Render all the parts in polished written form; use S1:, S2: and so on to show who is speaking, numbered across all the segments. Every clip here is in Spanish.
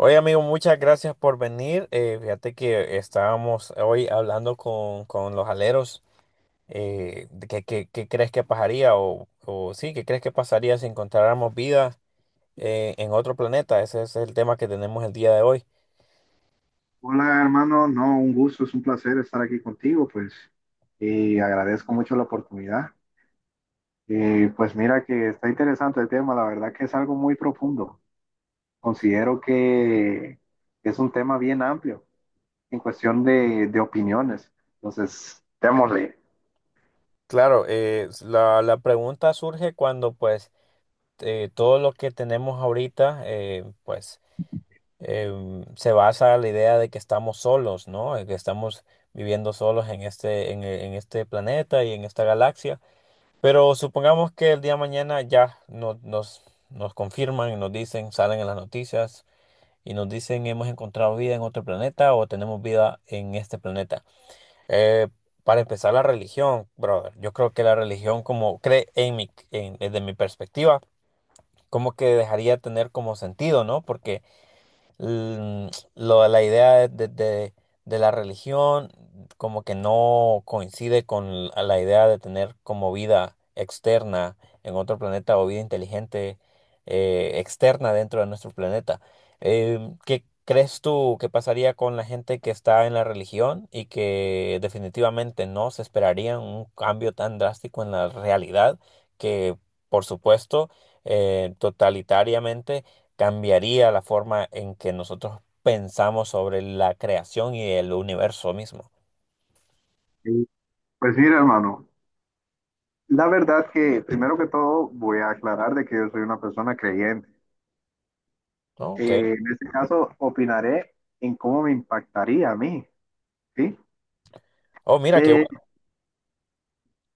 S1: Oye, amigo, muchas gracias por venir. Fíjate que estábamos hoy hablando con los aleros. De qué crees que pasaría? O Sí, ¿qué crees que pasaría si encontráramos vida en otro planeta? Ese es el tema que tenemos el día de hoy.
S2: Hola, hermano. No, un gusto, es un placer estar aquí contigo, pues, y agradezco mucho la oportunidad. Y pues mira que está interesante el tema, la verdad que es algo muy profundo. Considero que es un tema bien amplio en cuestión de opiniones. Entonces, démosle.
S1: Claro, la pregunta surge cuando pues todo lo que tenemos ahorita se basa en la idea de que estamos solos, ¿no? De que estamos viviendo solos en este planeta y en esta galaxia. Pero supongamos que el día de mañana nos confirman y nos dicen, salen en las noticias y nos dicen hemos encontrado vida en otro planeta o tenemos vida en este planeta. Eh, para empezar, la religión, brother. Yo creo que la religión, como cree en desde mi perspectiva, como que dejaría de tener como sentido, ¿no? Porque la idea de la religión como que no coincide con la idea de tener como vida externa en otro planeta o vida inteligente externa dentro de nuestro planeta. ¿Qué crees tú que pasaría con la gente que está en la religión y que definitivamente no se esperaría un cambio tan drástico en la realidad que, por supuesto, totalitariamente cambiaría la forma en que nosotros pensamos sobre la creación y el universo mismo?
S2: Y, Pues mira, hermano, la verdad que primero que todo voy a aclarar de que yo soy una persona creyente.
S1: ¿No? Ok.
S2: En este caso, opinaré en cómo me impactaría a mí, ¿sí?
S1: Oh, mira qué
S2: Eh,
S1: bueno,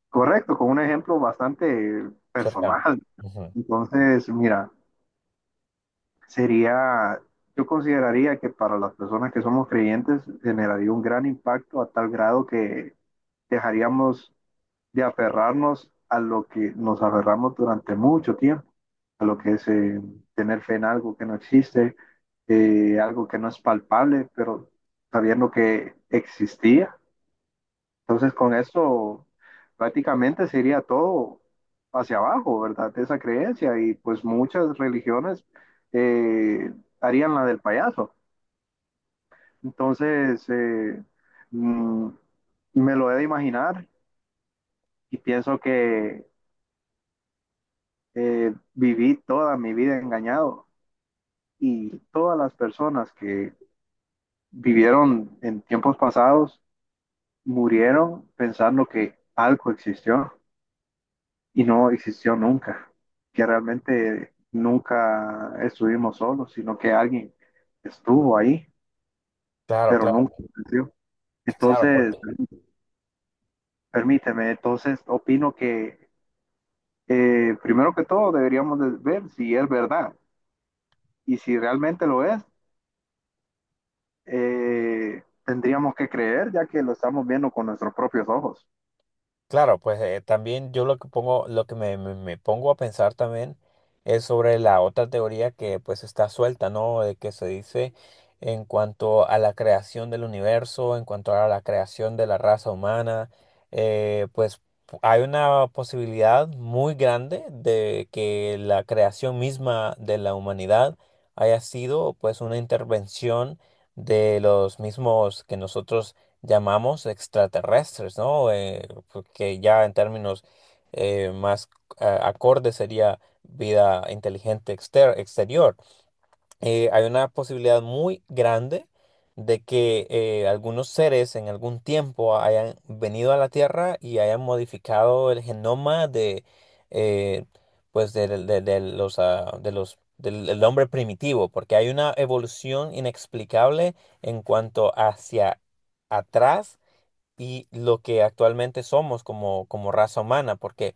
S2: Correcto, con un ejemplo bastante
S1: cercano.
S2: personal.
S1: Ujú.
S2: Entonces, mira, sería, yo consideraría que para las personas que somos creyentes generaría un gran impacto a tal grado que dejaríamos de aferrarnos a lo que nos aferramos durante mucho tiempo, a lo que es tener fe en algo que no existe, algo que no es palpable, pero sabiendo que existía entonces, con eso prácticamente sería todo hacia abajo, ¿verdad? De esa creencia y pues muchas religiones eh, harían la del payaso. Entonces, mm, me lo he de imaginar y pienso que viví toda mi vida engañado y todas las personas que vivieron en tiempos pasados murieron pensando que algo existió, y no existió nunca, que realmente nunca estuvimos solos, sino que alguien estuvo ahí,
S1: Claro,
S2: pero nunca
S1: claro,
S2: existió.
S1: claro,
S2: Entonces,
S1: porque
S2: permíteme, entonces opino que primero que todo deberíamos de ver si es verdad, y si realmente lo es, tendríamos que creer ya que lo estamos viendo con nuestros propios ojos.
S1: claro. Pues también yo lo que pongo, lo que me pongo a pensar también es sobre la otra teoría que pues está suelta, ¿no? De que se dice en cuanto a la creación del universo, en cuanto a la creación de la raza humana, pues hay una posibilidad muy grande de que la creación misma de la humanidad haya sido pues una intervención de los mismos que nosotros llamamos extraterrestres, ¿no? Que ya en términos más acorde sería vida inteligente exterior. Hay una posibilidad muy grande de que algunos seres en algún tiempo hayan venido a la Tierra y hayan modificado el genoma de, eh, pues de los, del hombre primitivo, porque hay una evolución inexplicable en cuanto hacia atrás y lo que actualmente somos como, como raza humana, porque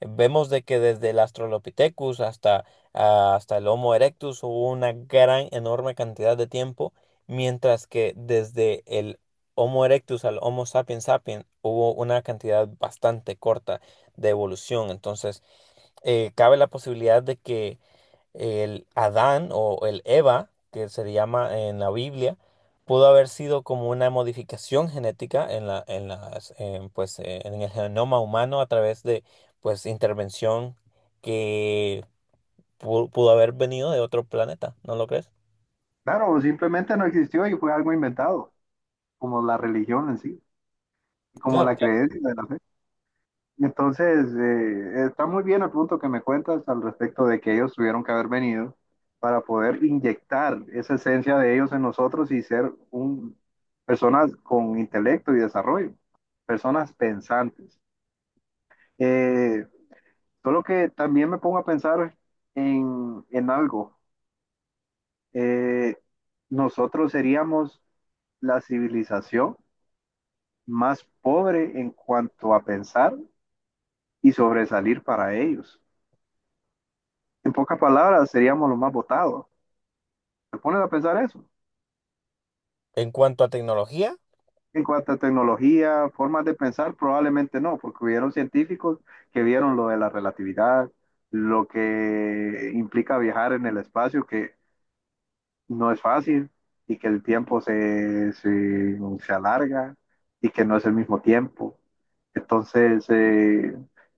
S1: vemos de que desde el Australopithecus hasta el Homo erectus hubo una gran, enorme cantidad de tiempo, mientras que desde el Homo erectus al Homo sapiens sapiens hubo una cantidad bastante corta de evolución. Entonces, cabe la posibilidad de que el Adán o el Eva, que se le llama en la Biblia, pudo haber sido como una modificación genética en la, en las, en, pues, en el genoma humano a través de pues intervención que pudo haber venido de otro planeta, ¿no lo crees?
S2: Claro, simplemente no existió y fue algo inventado, como la religión en sí, y como
S1: Claro,
S2: la
S1: claro.
S2: creencia de la fe. Entonces, está muy bien el punto que me cuentas al respecto de que ellos tuvieron que haber venido para poder inyectar esa esencia de ellos en nosotros y ser un, personas con intelecto y desarrollo, personas pensantes. Eh, Solo que también me pongo a pensar en algo. Eh, Nosotros seríamos la civilización más pobre en cuanto a pensar y sobresalir para ellos. En pocas palabras, seríamos los más votados. ¿Te pones a pensar eso?
S1: En cuanto a tecnología,
S2: En cuanto a tecnología, formas de pensar, probablemente no, porque hubieron científicos que vieron lo de la relatividad, lo que implica viajar en el espacio, que no es fácil y que el tiempo se alarga y que no es el mismo tiempo. Entonces,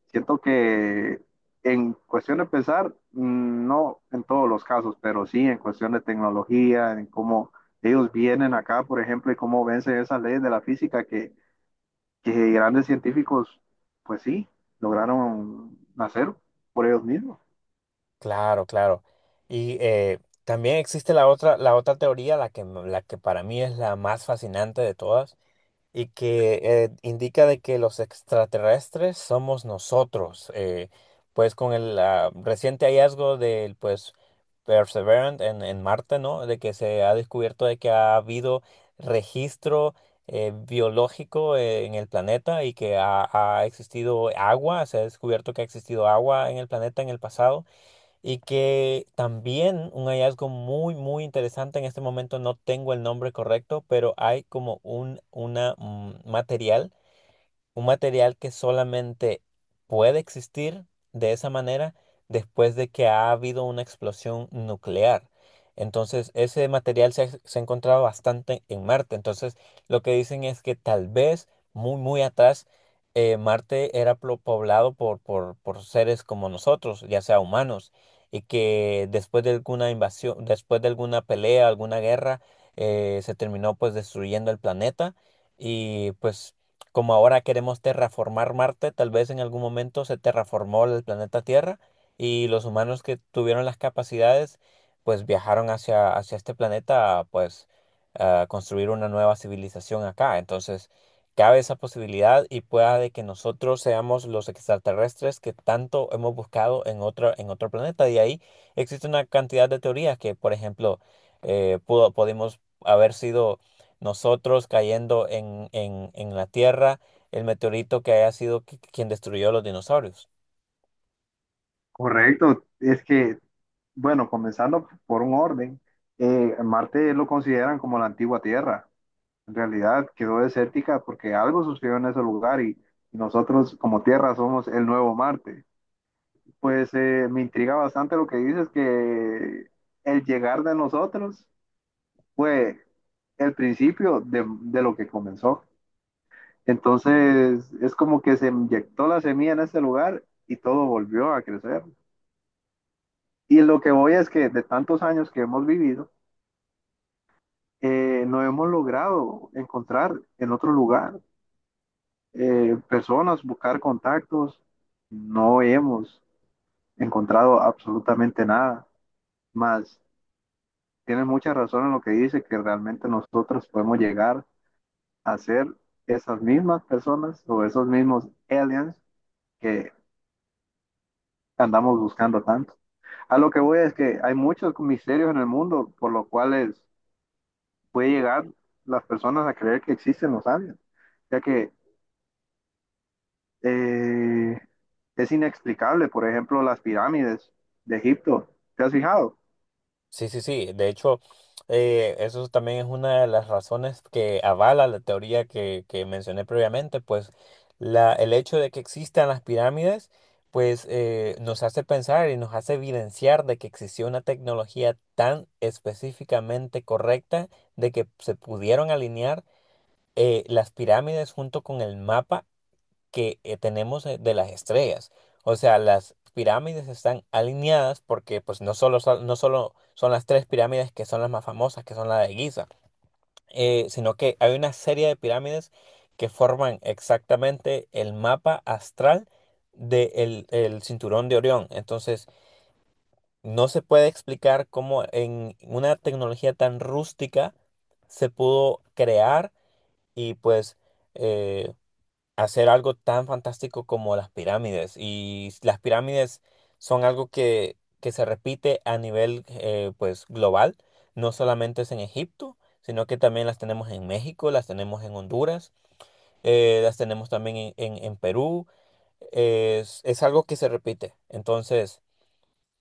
S2: siento que en cuestión de pensar, mm, no en todos los casos, pero sí en cuestión de tecnología, en cómo ellos vienen acá, por ejemplo, y cómo vencen esas leyes de la física que grandes científicos, pues sí, lograron hacer por ellos mismos.
S1: claro, claro. Y también existe la otra teoría, la que para mí es la más fascinante de todas y que indica de que los extraterrestres somos nosotros. Pues con el reciente hallazgo del pues Perseverance en Marte, ¿no? De que se ha descubierto de que ha habido registro biológico en el planeta y que ha existido agua, se ha descubierto que ha existido agua en el planeta en el pasado y que también un hallazgo muy, muy interesante, en este momento no tengo el nombre correcto, pero hay como un material que solamente puede existir de esa manera después de que ha habido una explosión nuclear. Entonces, ese material se ha encontrado bastante en Marte. Entonces, lo que dicen es que tal vez muy, muy atrás, Marte era poblado por seres como nosotros, ya sea humanos, y que después de alguna invasión, después de alguna pelea, alguna guerra, se terminó pues destruyendo el planeta y pues como ahora queremos terraformar Marte, tal vez en algún momento se terraformó el planeta Tierra y los humanos que tuvieron las capacidades, pues viajaron hacia este planeta, pues a construir una nueva civilización acá. Entonces, cabe esa posibilidad y pueda de que nosotros seamos los extraterrestres que tanto hemos buscado en otro planeta. Y ahí existe una cantidad de teorías que, por ejemplo, podemos haber sido nosotros cayendo en, en la Tierra, el meteorito que haya sido quien destruyó los dinosaurios.
S2: Correcto, es que, bueno, comenzando por un orden, Marte lo consideran como la antigua Tierra. En realidad quedó desértica porque algo sucedió en ese lugar y nosotros como Tierra somos el nuevo Marte. Pues me intriga bastante lo que dices, que el llegar de nosotros fue el principio de lo que comenzó. Entonces es como que se inyectó la semilla en ese lugar y todo volvió a crecer. Y lo que voy es que de tantos años que hemos vivido, no hemos logrado encontrar en otro lugar personas, buscar contactos. No hemos encontrado absolutamente nada. Más, tienes mucha razón en lo que dice, que realmente nosotros podemos llegar a ser esas mismas personas o esos mismos aliens que andamos buscando tanto. A lo que voy es que hay muchos misterios en el mundo por los cuales puede llegar las personas a creer que existen los aliens, ya que eh, es inexplicable, por ejemplo, las pirámides de Egipto, ¿te has fijado?
S1: Sí, sí, sí. De hecho, eso también es una de las razones que avala la teoría que mencioné previamente, pues el hecho de que existan las pirámides, pues nos hace pensar y nos hace evidenciar de que existió una tecnología tan específicamente correcta de que se pudieron alinear las pirámides junto con el mapa que tenemos de las estrellas. O sea, las pirámides están alineadas porque pues no solo son las tres pirámides que son las más famosas, que son la de Giza, sino que hay una serie de pirámides que forman exactamente el mapa astral del cinturón de Orión. Entonces, no se puede explicar cómo en una tecnología tan rústica se pudo crear y pues eh, hacer algo tan fantástico como las pirámides. Y las pirámides son algo que se repite a nivel pues global. No solamente es en Egipto, sino que también las tenemos en México, las tenemos en Honduras, las tenemos también en, en Perú. Es algo que se repite. Entonces,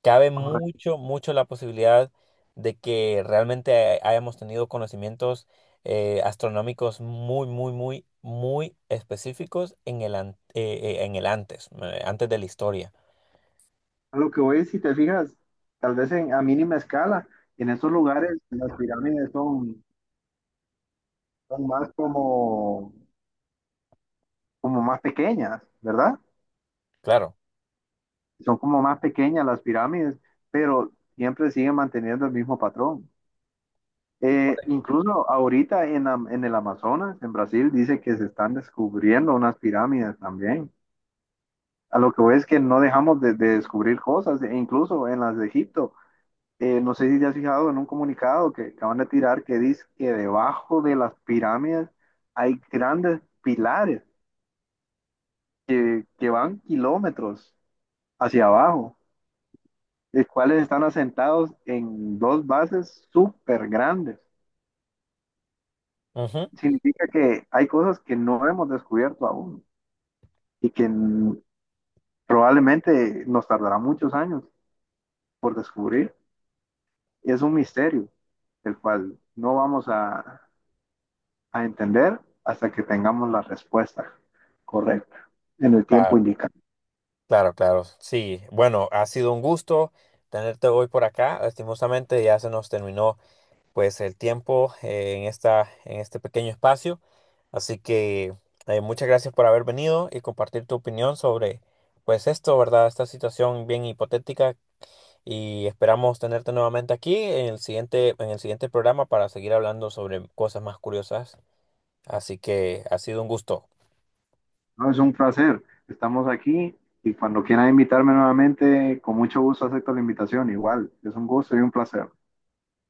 S1: cabe
S2: Correcto.
S1: mucho, mucho la posibilidad de que realmente hayamos tenido conocimientos astronómicos muy, muy, muy, muy específicos en el antes, antes de la historia.
S2: A lo que voy, si te fijas, tal vez en, a mínima escala, en estos lugares las pirámides son, son más como, como más pequeñas, ¿verdad?
S1: Claro.
S2: Son como más pequeñas las pirámides, pero siempre siguen manteniendo el mismo patrón. Incluso ahorita en, en el Amazonas, en Brasil, dice que se están descubriendo unas pirámides también. A lo que voy es que no dejamos de descubrir cosas, e incluso en las de Egipto. No sé si te has fijado en un comunicado que acaban de tirar que dice que debajo de las pirámides hay grandes pilares que van kilómetros hacia abajo, los cuales están asentados en dos bases súper grandes.
S1: Ujú.
S2: Significa que hay cosas que no hemos descubierto aún, y que probablemente nos tardará muchos años por descubrir. Es un misterio, el cual no vamos a entender hasta que tengamos la respuesta correcta en el tiempo
S1: Claro,
S2: indicado.
S1: claro, claro. Sí, bueno, ha sido un gusto tenerte hoy por acá. Lastimosamente ya se nos terminó pues el tiempo en este pequeño espacio. Así que muchas gracias por haber venido y compartir tu opinión sobre pues esto, ¿verdad? Esta situación bien hipotética y esperamos tenerte nuevamente aquí en el siguiente programa para seguir hablando sobre cosas más curiosas. Así que ha sido un gusto.
S2: No, es un placer. Estamos aquí y cuando quieran invitarme nuevamente, con mucho gusto acepto la invitación. Igual, es un gusto y un placer.